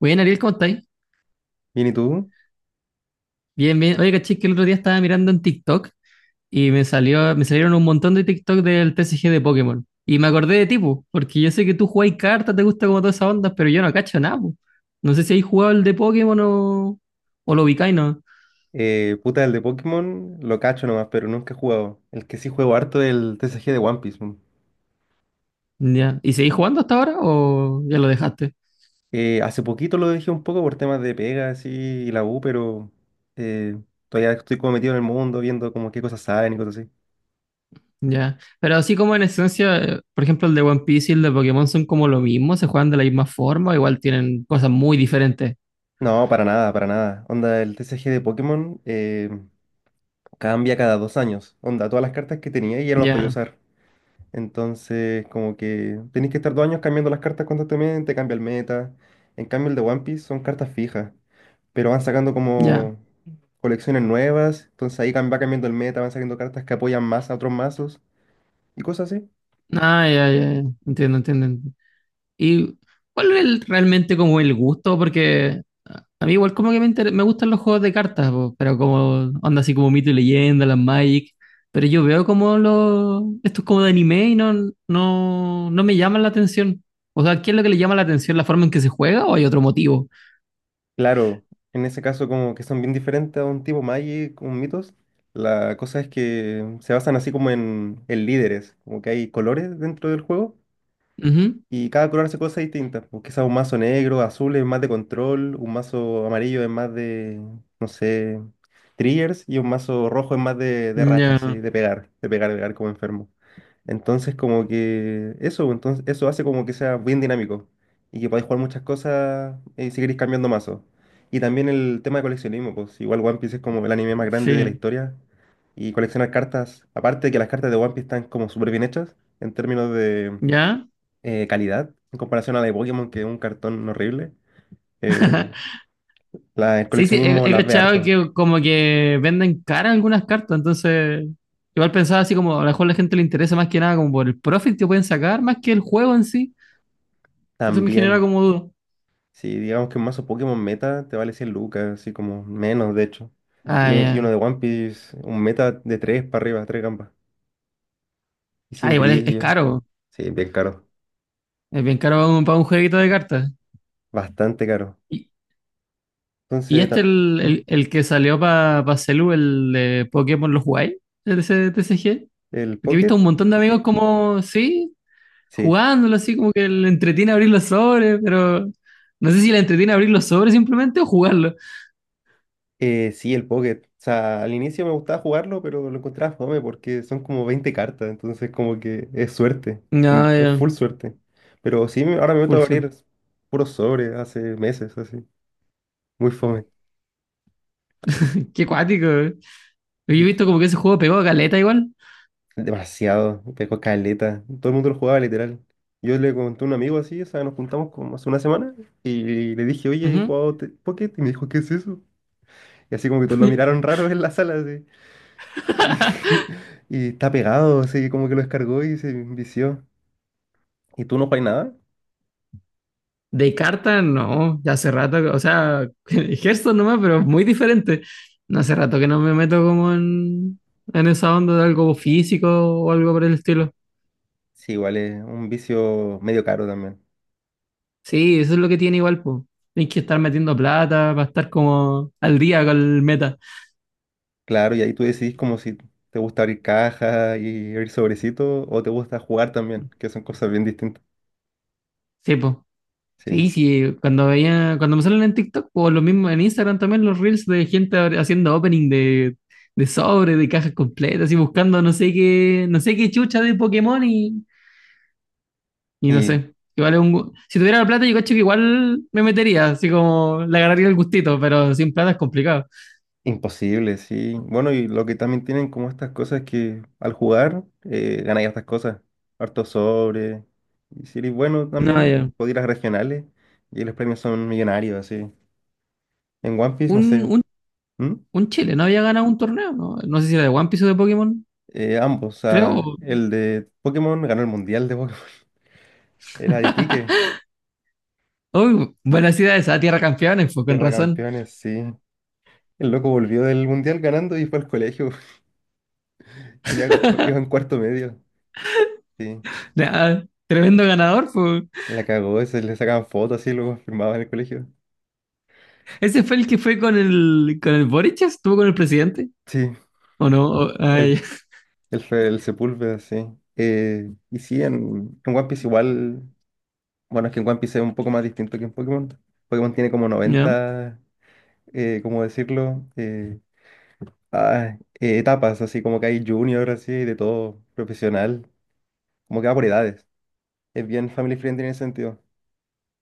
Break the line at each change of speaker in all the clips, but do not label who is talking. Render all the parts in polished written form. Bien, Ariel, ¿cómo estáis?
Bien, ¿y tú?
Bien, bien. Oye, caché que el otro día estaba mirando en TikTok y me salieron un montón de TikTok del TCG de Pokémon. Y me acordé de ti, po, porque yo sé que tú jugáis cartas, te gusta como todas esas ondas, pero yo no cacho nada, po. No sé si habéis jugado el de Pokémon o lo ubicáis, ¿no?
Puta, el de Pokémon lo cacho nomás, pero nunca he jugado. El que sí juego harto es el TCG de One Piece, man.
Ya. ¿Y seguís jugando hasta ahora o ya lo dejaste?
Hace poquito lo dejé un poco por temas de pega así, y la U, pero eh, todavía estoy como metido en el mundo, viendo como qué cosas saben y cosas así.
Ya. Pero así como en esencia, por ejemplo, el de One Piece y el de Pokémon son como lo mismo, se juegan de la misma forma, igual tienen cosas muy diferentes.
No, para nada, para nada. Onda, el TCG de Pokémon cambia cada 2 años. Onda, todas las cartas que tenía ya no las podía
Ya,
usar. Entonces, como que tenéis que estar 2 años cambiando las cartas constantemente, cambia el meta. En cambio, el de One Piece son cartas fijas, pero van sacando
ya.
como colecciones nuevas, entonces ahí va cambiando el meta, van saliendo cartas que apoyan más a otros mazos y cosas así.
Ah, ya, ya, ya. Entiendo, entiendo. ¿Y cuál es realmente como el gusto? Porque a mí igual como que me gustan los juegos de cartas, po, pero como onda así como Mito y Leyenda, las Magic, pero yo veo como estos como de anime no me llaman la atención. O sea, ¿qué es lo que le llama la atención? ¿La forma en que se juega o hay otro motivo?
Claro, en ese caso como que son bien diferentes a un tipo Magic, un Mythos, la cosa es que se basan así como en, líderes, como que hay colores dentro del juego
Ujú.
y cada color hace cosas distintas, pues quizás un mazo negro, azul es más de control, un mazo amarillo es más de, no sé, triggers y un mazo rojo es más de racha,
Ya,
así, de pegar, pegar como enfermo. Entonces, como que eso, entonces, eso hace como que sea bien dinámico y que podáis jugar muchas cosas si queréis cambiando mazos. Y también el tema de coleccionismo, pues igual One Piece es como el anime más grande de la
sí.
historia y coleccionar cartas, aparte de que las cartas de One Piece están como súper bien hechas en términos de
¿Ya?
calidad, en comparación a la de Pokémon, que es un cartón horrible, eh, el
Sí, sí,
coleccionismo
he
las ve
cachado
harto
que como que venden cara algunas cartas, entonces igual pensaba así como a lo mejor la gente le interesa más que nada como por el profit que pueden sacar, más que el juego en sí. Eso me genera
también.
como duda.
Sí, digamos que un mazo Pokémon meta te vale 100 lucas, así como menos, de hecho. Y,
Ah,
un- y
ya.
uno de One Piece, un meta de 3 para arriba, 3 gambas. Y
Ah,
sin
es
brillo.
caro,
Sí, bien caro.
es bien caro para para un jueguito de cartas.
Bastante caro.
¿Y, y
Entonces,
este
ta- ¿Mm?
el que salió para Celu, el de Pokémon los jugáis? ¿El de ese T C G,
¿El
porque he visto a
Pocket?
un montón de amigos como, sí,
Sí.
jugándolo así, como que le entretiene abrir los sobres, pero no sé si le entretiene abrir los sobres simplemente o jugarlo.
Sí, el Pocket. O sea, al inicio me gustaba jugarlo, pero lo encontraba fome porque son como 20 cartas. Entonces, como que es suerte.
No,
Es
ya,
full suerte. Pero sí, ahora me meto
full
a
Sol.
abrir puros sobres hace meses, así. Muy fome.
Qué cuático, eh. Yo he visto como que ese juego pegó a caleta igual.
Demasiado, pegó caleta. Todo el mundo lo jugaba literal. Yo le conté a un amigo así, o sea, nos juntamos como hace una semana y le dije, oye, he
Ujú.
jugado Pocket y me dijo, ¿qué es eso? Y así como que todos lo miraron raro en la sala, así. Y, y está pegado, así como que lo descargó y se vició. ¿Y tú no juegas nada?
De carta, no, ya hace rato, o sea, Hearthstone nomás, pero muy diferente. No hace rato que no me meto como en esa onda de algo físico o algo por el estilo.
Sí, igual es un vicio medio caro también.
Sí, eso es lo que tiene igual, pues. Tienes que estar metiendo plata para estar como al día con el meta.
Claro, y ahí tú decidís como si te gusta abrir cajas y abrir sobrecitos o te gusta jugar también, que son cosas bien distintas.
Sí, pues.
Sí.
Sí, sí, cuando me salen en TikTok o lo mismo en Instagram también los reels de gente haciendo opening de sobre, de cajas completas y buscando no sé qué, no sé qué chucha de y no
Y
sé. Igual es si tuviera la plata yo cacho que igual me metería, así como le agarraría el gustito, pero sin plata es complicado.
Imposible, sí. Bueno, y lo que también tienen como estas cosas que al jugar ganáis estas cosas. Harto sobre. Y si eres bueno
No,
también,
ya.
podéis ir a regionales y los premios son millonarios, así. En One Piece, no
Un,
sé.
un,
¿Mm?
un Chile no había ganado un torneo, ¿no? No sé si era de One Piece o de Pokémon,
Ambos, o sea,
creo.
el de Pokémon ganó el mundial de Pokémon. Era de Iquique,
Uy, buena ciudad esa Tierra Campeones, pues con
Tierra de
razón.
Campeones, sí. El loco volvió del mundial ganando y fue al colegio. Iba en cuarto medio, sí.
Ah, tremendo ganador, pues.
La cagó, se le sacaban fotos así, luego firmaban en el colegio.
¿Ese fue el que fue con con el Boric? ¿Estuvo con el presidente?
Sí.
¿O no? Ay,
El, el Sepúlveda, sí. Y sí, en, One Piece igual, bueno, es que en One Piece es un poco más distinto que en Pokémon. Pokémon tiene como
ya,
90 ¿cómo decirlo? Etapas, así como que hay junior, así, de todo, profesional, como que va por edades. Es bien family friendly en ese sentido.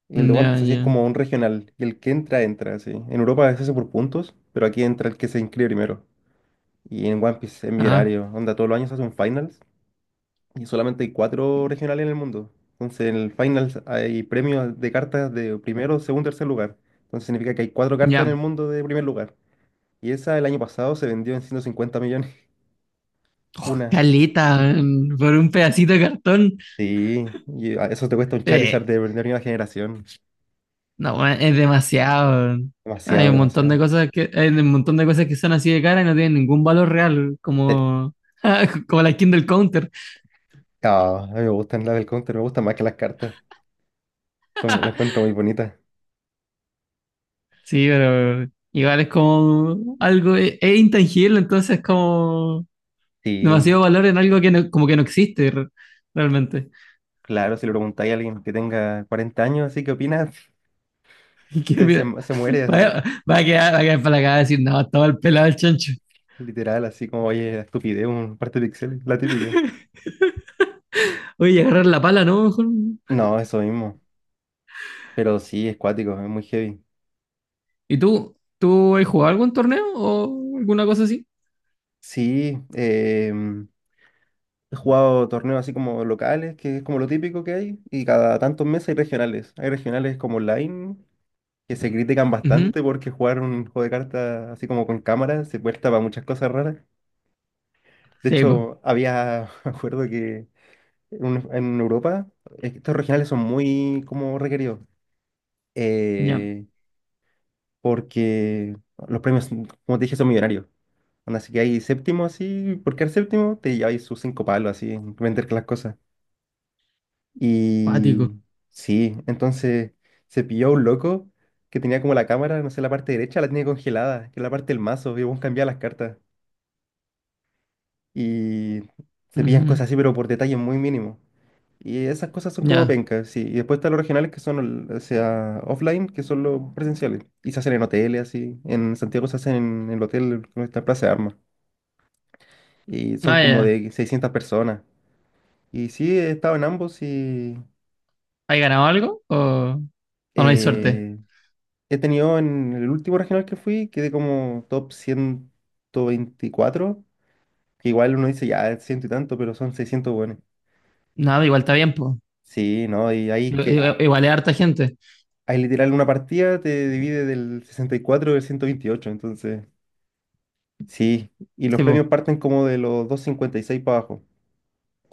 Y el de One
ya,
Piece así es
ya.
como un regional, y el que entra, entra, así. En Europa es eso por puntos, pero aquí entra el que se inscribe primero. Y en One Piece es
Ah,
millonario, onda todos los años hace un finals. Y solamente hay cuatro regionales en el mundo. Entonces, en el final hay premios de cartas de primero, segundo, tercer lugar. Entonces, significa que hay cuatro cartas en el
ya.
mundo de primer lugar. Y esa el año pasado se vendió en 150 millones.
Oh,
Una.
caleta, weón, por un pedacito de cartón.
Sí, y eso te cuesta un Charizard
Eh,
de primera generación.
no, weón, es demasiado. Weón. Hay
Demasiado,
un montón de
demasiado.
cosas que, hay un montón de cosas que son así de cara y no tienen ningún valor real,
Eh,
como, como la skin del counter.
a mí me gustan las del counter, me gustan más que las cartas. Son, las encuentro muy bonitas.
Sí, pero igual es como algo, es intangible, entonces como
Sí,
demasiado valor en algo que como que no existe realmente.
claro, si le preguntáis a alguien que tenga 40 años, así qué opina,
Qué
se, se,
mira,
se muere así.
vaya- va a quedar para la cagada decir, no, estaba el pelado el chancho.
Literal, así como, oye, estupidez, un parte de pixeles, la típica.
Oye, agarrar la pala, ¿no? Mejor.
No, eso mismo. Pero sí, es cuático, es muy heavy.
¿Y tú? ¿Tú has jugado algún torneo o alguna cosa así?
Sí, he jugado torneos así como locales, que es como lo típico que hay, y cada tantos meses hay regionales. Hay regionales como online, que se critican
Ujú.
bastante porque jugar un juego de cartas así como con cámara se presta para muchas cosas raras. De
Sí, pues.
hecho, había, me acuerdo que en Europa, estos regionales son muy como requeridos.
Ya.
Eh, porque los premios, como te dije, son millonarios. Onda, así que hay séptimo así, por quedar séptimo te lleváis sus cinco palos así, en vender las cosas.
Cuático.
Y sí, entonces se pilló un loco que tenía como la cámara, no sé, la parte derecha la tenía congelada, que es la parte del mazo, y vos cambiabas las cartas. Y se pillan
Ujú.
cosas así, pero por detalles muy mínimos. Y esas cosas son como
Ya.
pencas, sí. Y después están los regionales que son, o sea, offline, que son los presenciales. Y se hacen en hoteles, así. En Santiago se hacen el hotel que está Plaza de Armas. Y son
Ah,
como
ya.
de 600 personas. Y sí, he estado en ambos y
¿Has ganado algo? O no hay suerte?
eh, he tenido en el último regional que fui, quedé como top 124. Que igual uno dice, ya, ciento y tanto, pero son 600 buenos.
Nada, igual está bien, pues.
Sí, ¿no? Y ahí que...
Igual es harta gente.
Ahí literal una partida te divide del 64 del 128, entonces... Sí, y los
Sí, pues.
premios parten como de los 256 para abajo.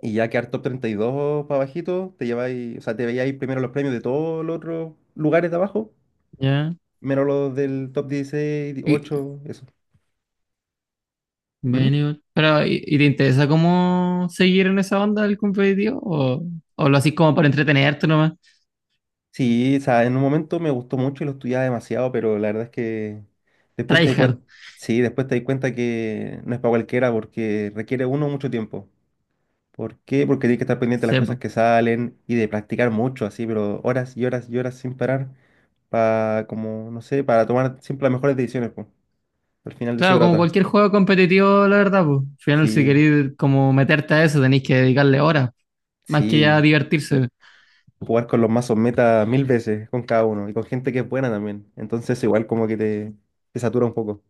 Y ya quedar top 32 para abajito, te lleváis, o sea, te veíais primero los premios de todos los otros lugares de abajo,
Ya.
menos los del top 16,
Y,
8, eso. ¿Mm?
bueno, pero, y te interesa cómo seguir en esa onda del competitivo? O lo haces como para entretenerte nomás?
Sí, o sea, en un momento me gustó mucho y lo estudiaba demasiado, pero la verdad es que después te di
Tryhard.
cuenta, sí, después te di cuenta que no es para cualquiera porque requiere uno mucho tiempo. ¿Por qué? Porque tienes que estar pendiente de las
Sí,
cosas que salen y de practicar mucho, así, pero horas y horas y horas sin parar, para, como, no sé, para tomar siempre las mejores decisiones, pues. Al final de eso
claro, como
trata.
cualquier juego competitivo, la verdad, pues. Al final, si
Sí,
queréis como meterte a eso, tenéis que dedicarle horas, más que
sí,
ya divertirse.
jugar con los mazos meta 1000 veces, con cada uno, y con gente que es buena también. Entonces, igual como que te, satura un poco.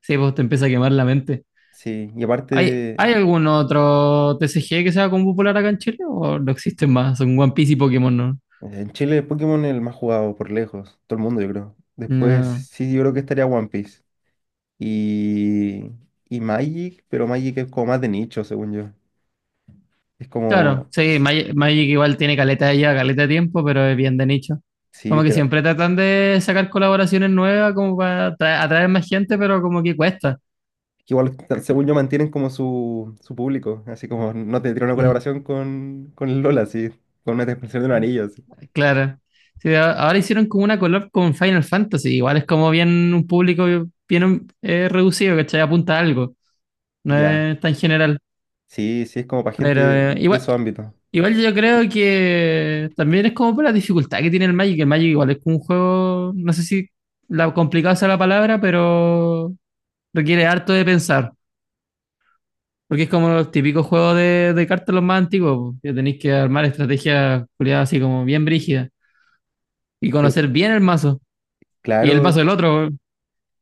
Sí, pues te empieza a quemar la mente.
Sí, y
¿Hay, hay
aparte,
algún otro TCG que sea como popular acá en Chile? ¿O no existen más? Son One Piece y Pokémon, ¿no?
en Chile Pokémon es el más jugado por lejos, todo el mundo, yo creo. Después,
No.
sí, yo creo que estaría One Piece. Y, y Magic, pero Magic es como más de nicho, según yo. Es
Claro,
como,
sí,
sí,
Magic igual tiene caleta ya, caleta de tiempo, pero es bien de nicho.
sí,
Como
es
que
que, que
siempre tratan de sacar colaboraciones nuevas como para atraer más gente, pero como que cuesta.
igual, según yo, mantienen como su, público. Así como no tendría una
Mm.
colaboración con, el Lola, así, con una expresión de un anillo, así.
Claro. Sí, ahora hicieron como una collab con Final Fantasy. Igual es como bien un público bien reducido, ¿cachai? Apunta a algo. No
Ya,
es tan general.
sí, sí, es como para gente
Pero
de, de
igual,
su ámbito.
igual yo creo que también es como por la dificultad que tiene el Magic. El Magic igual es como un juego, no sé si la complicado sea la palabra, pero requiere harto de pensar. Porque es como los típicos juegos de cartas los más antiguos, po, que tenéis que armar estrategias culiadas así como bien brígidas y
Cl-
conocer bien el mazo. Y el mazo
claro,
del otro,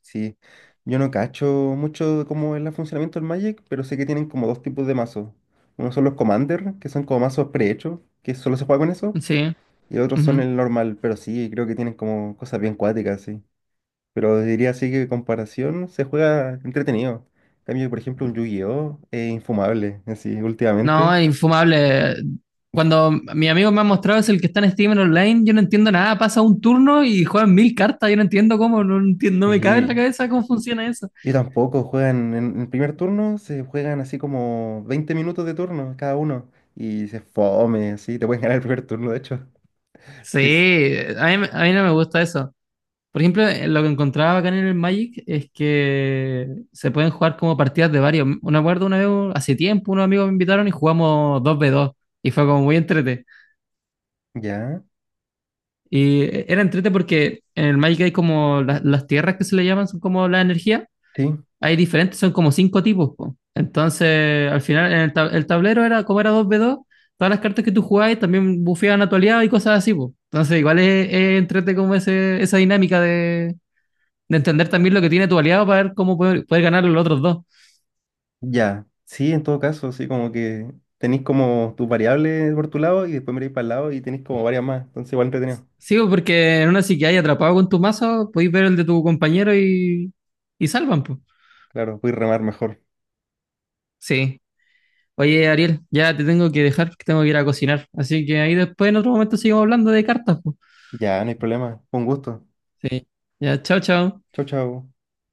sí. Yo no cacho mucho cómo es el funcionamiento del Magic, pero sé que tienen como dos tipos de mazos. Uno son los Commander, que son como mazos prehechos, que solo se juega con eso.
sí.
Y otros son
Ujú.
el normal, pero sí, creo que tienen como cosas bien cuáticas, sí. Pero diría así que comparación se juega entretenido. En cambio, por ejemplo, un Yu-Gi-Oh! Es infumable, así,
No,
últimamente.
es infumable. Cuando mi amigo me ha mostrado es el que está en Steam Online, yo no entiendo nada. Pasa un turno y juegan mil cartas. Yo no entiendo cómo, entiendo, no me cabe en
Y,
la cabeza cómo funciona eso.
y tampoco juegan en el primer turno, se juegan así como 20 minutos de turno cada uno. Y se fome, así, te pueden ganar el primer turno, de hecho.
Sí,
Sí,
a mí no me gusta eso. Por ejemplo, lo que encontraba acá en el Magic es que se pueden jugar como partidas de varios. Me acuerdo una vez, hace tiempo, unos amigos me invitaron y jugamos dos v dos y fue como muy entrete.
ya,
Y era entrete porque en el Magic hay como las tierras que se le llaman, son como la energía.
sí,
Hay diferentes, son como cinco tipos, po. Entonces, al final, en el tablero era como era dos v dos, todas las cartas que tú jugabas también bufeaban a tu aliado y cosas así, po. Entonces, igual es entrete como esa dinámica de entender también lo que tiene tu aliado para ver cómo poder ganar los otros dos.
ya. Sí, en todo caso, así como que tenéis como tus variables por tu lado y después miráis para el lado y tenéis como varias más. Entonces, igual entretenido.
Sí, po, porque en una si que hay atrapado con tu mazo, podéis ver el de tu compañero y salvan, pues.
Claro, voy a remar mejor.
Sí. Oye, Ariel, ya te tengo que dejar, que tengo que ir a cocinar. Así que ahí después en otro momento seguimos hablando de cartas, po.
Ya, no hay problema. Con gusto.
Sí. Ya, chao, chao.
Chau, chau.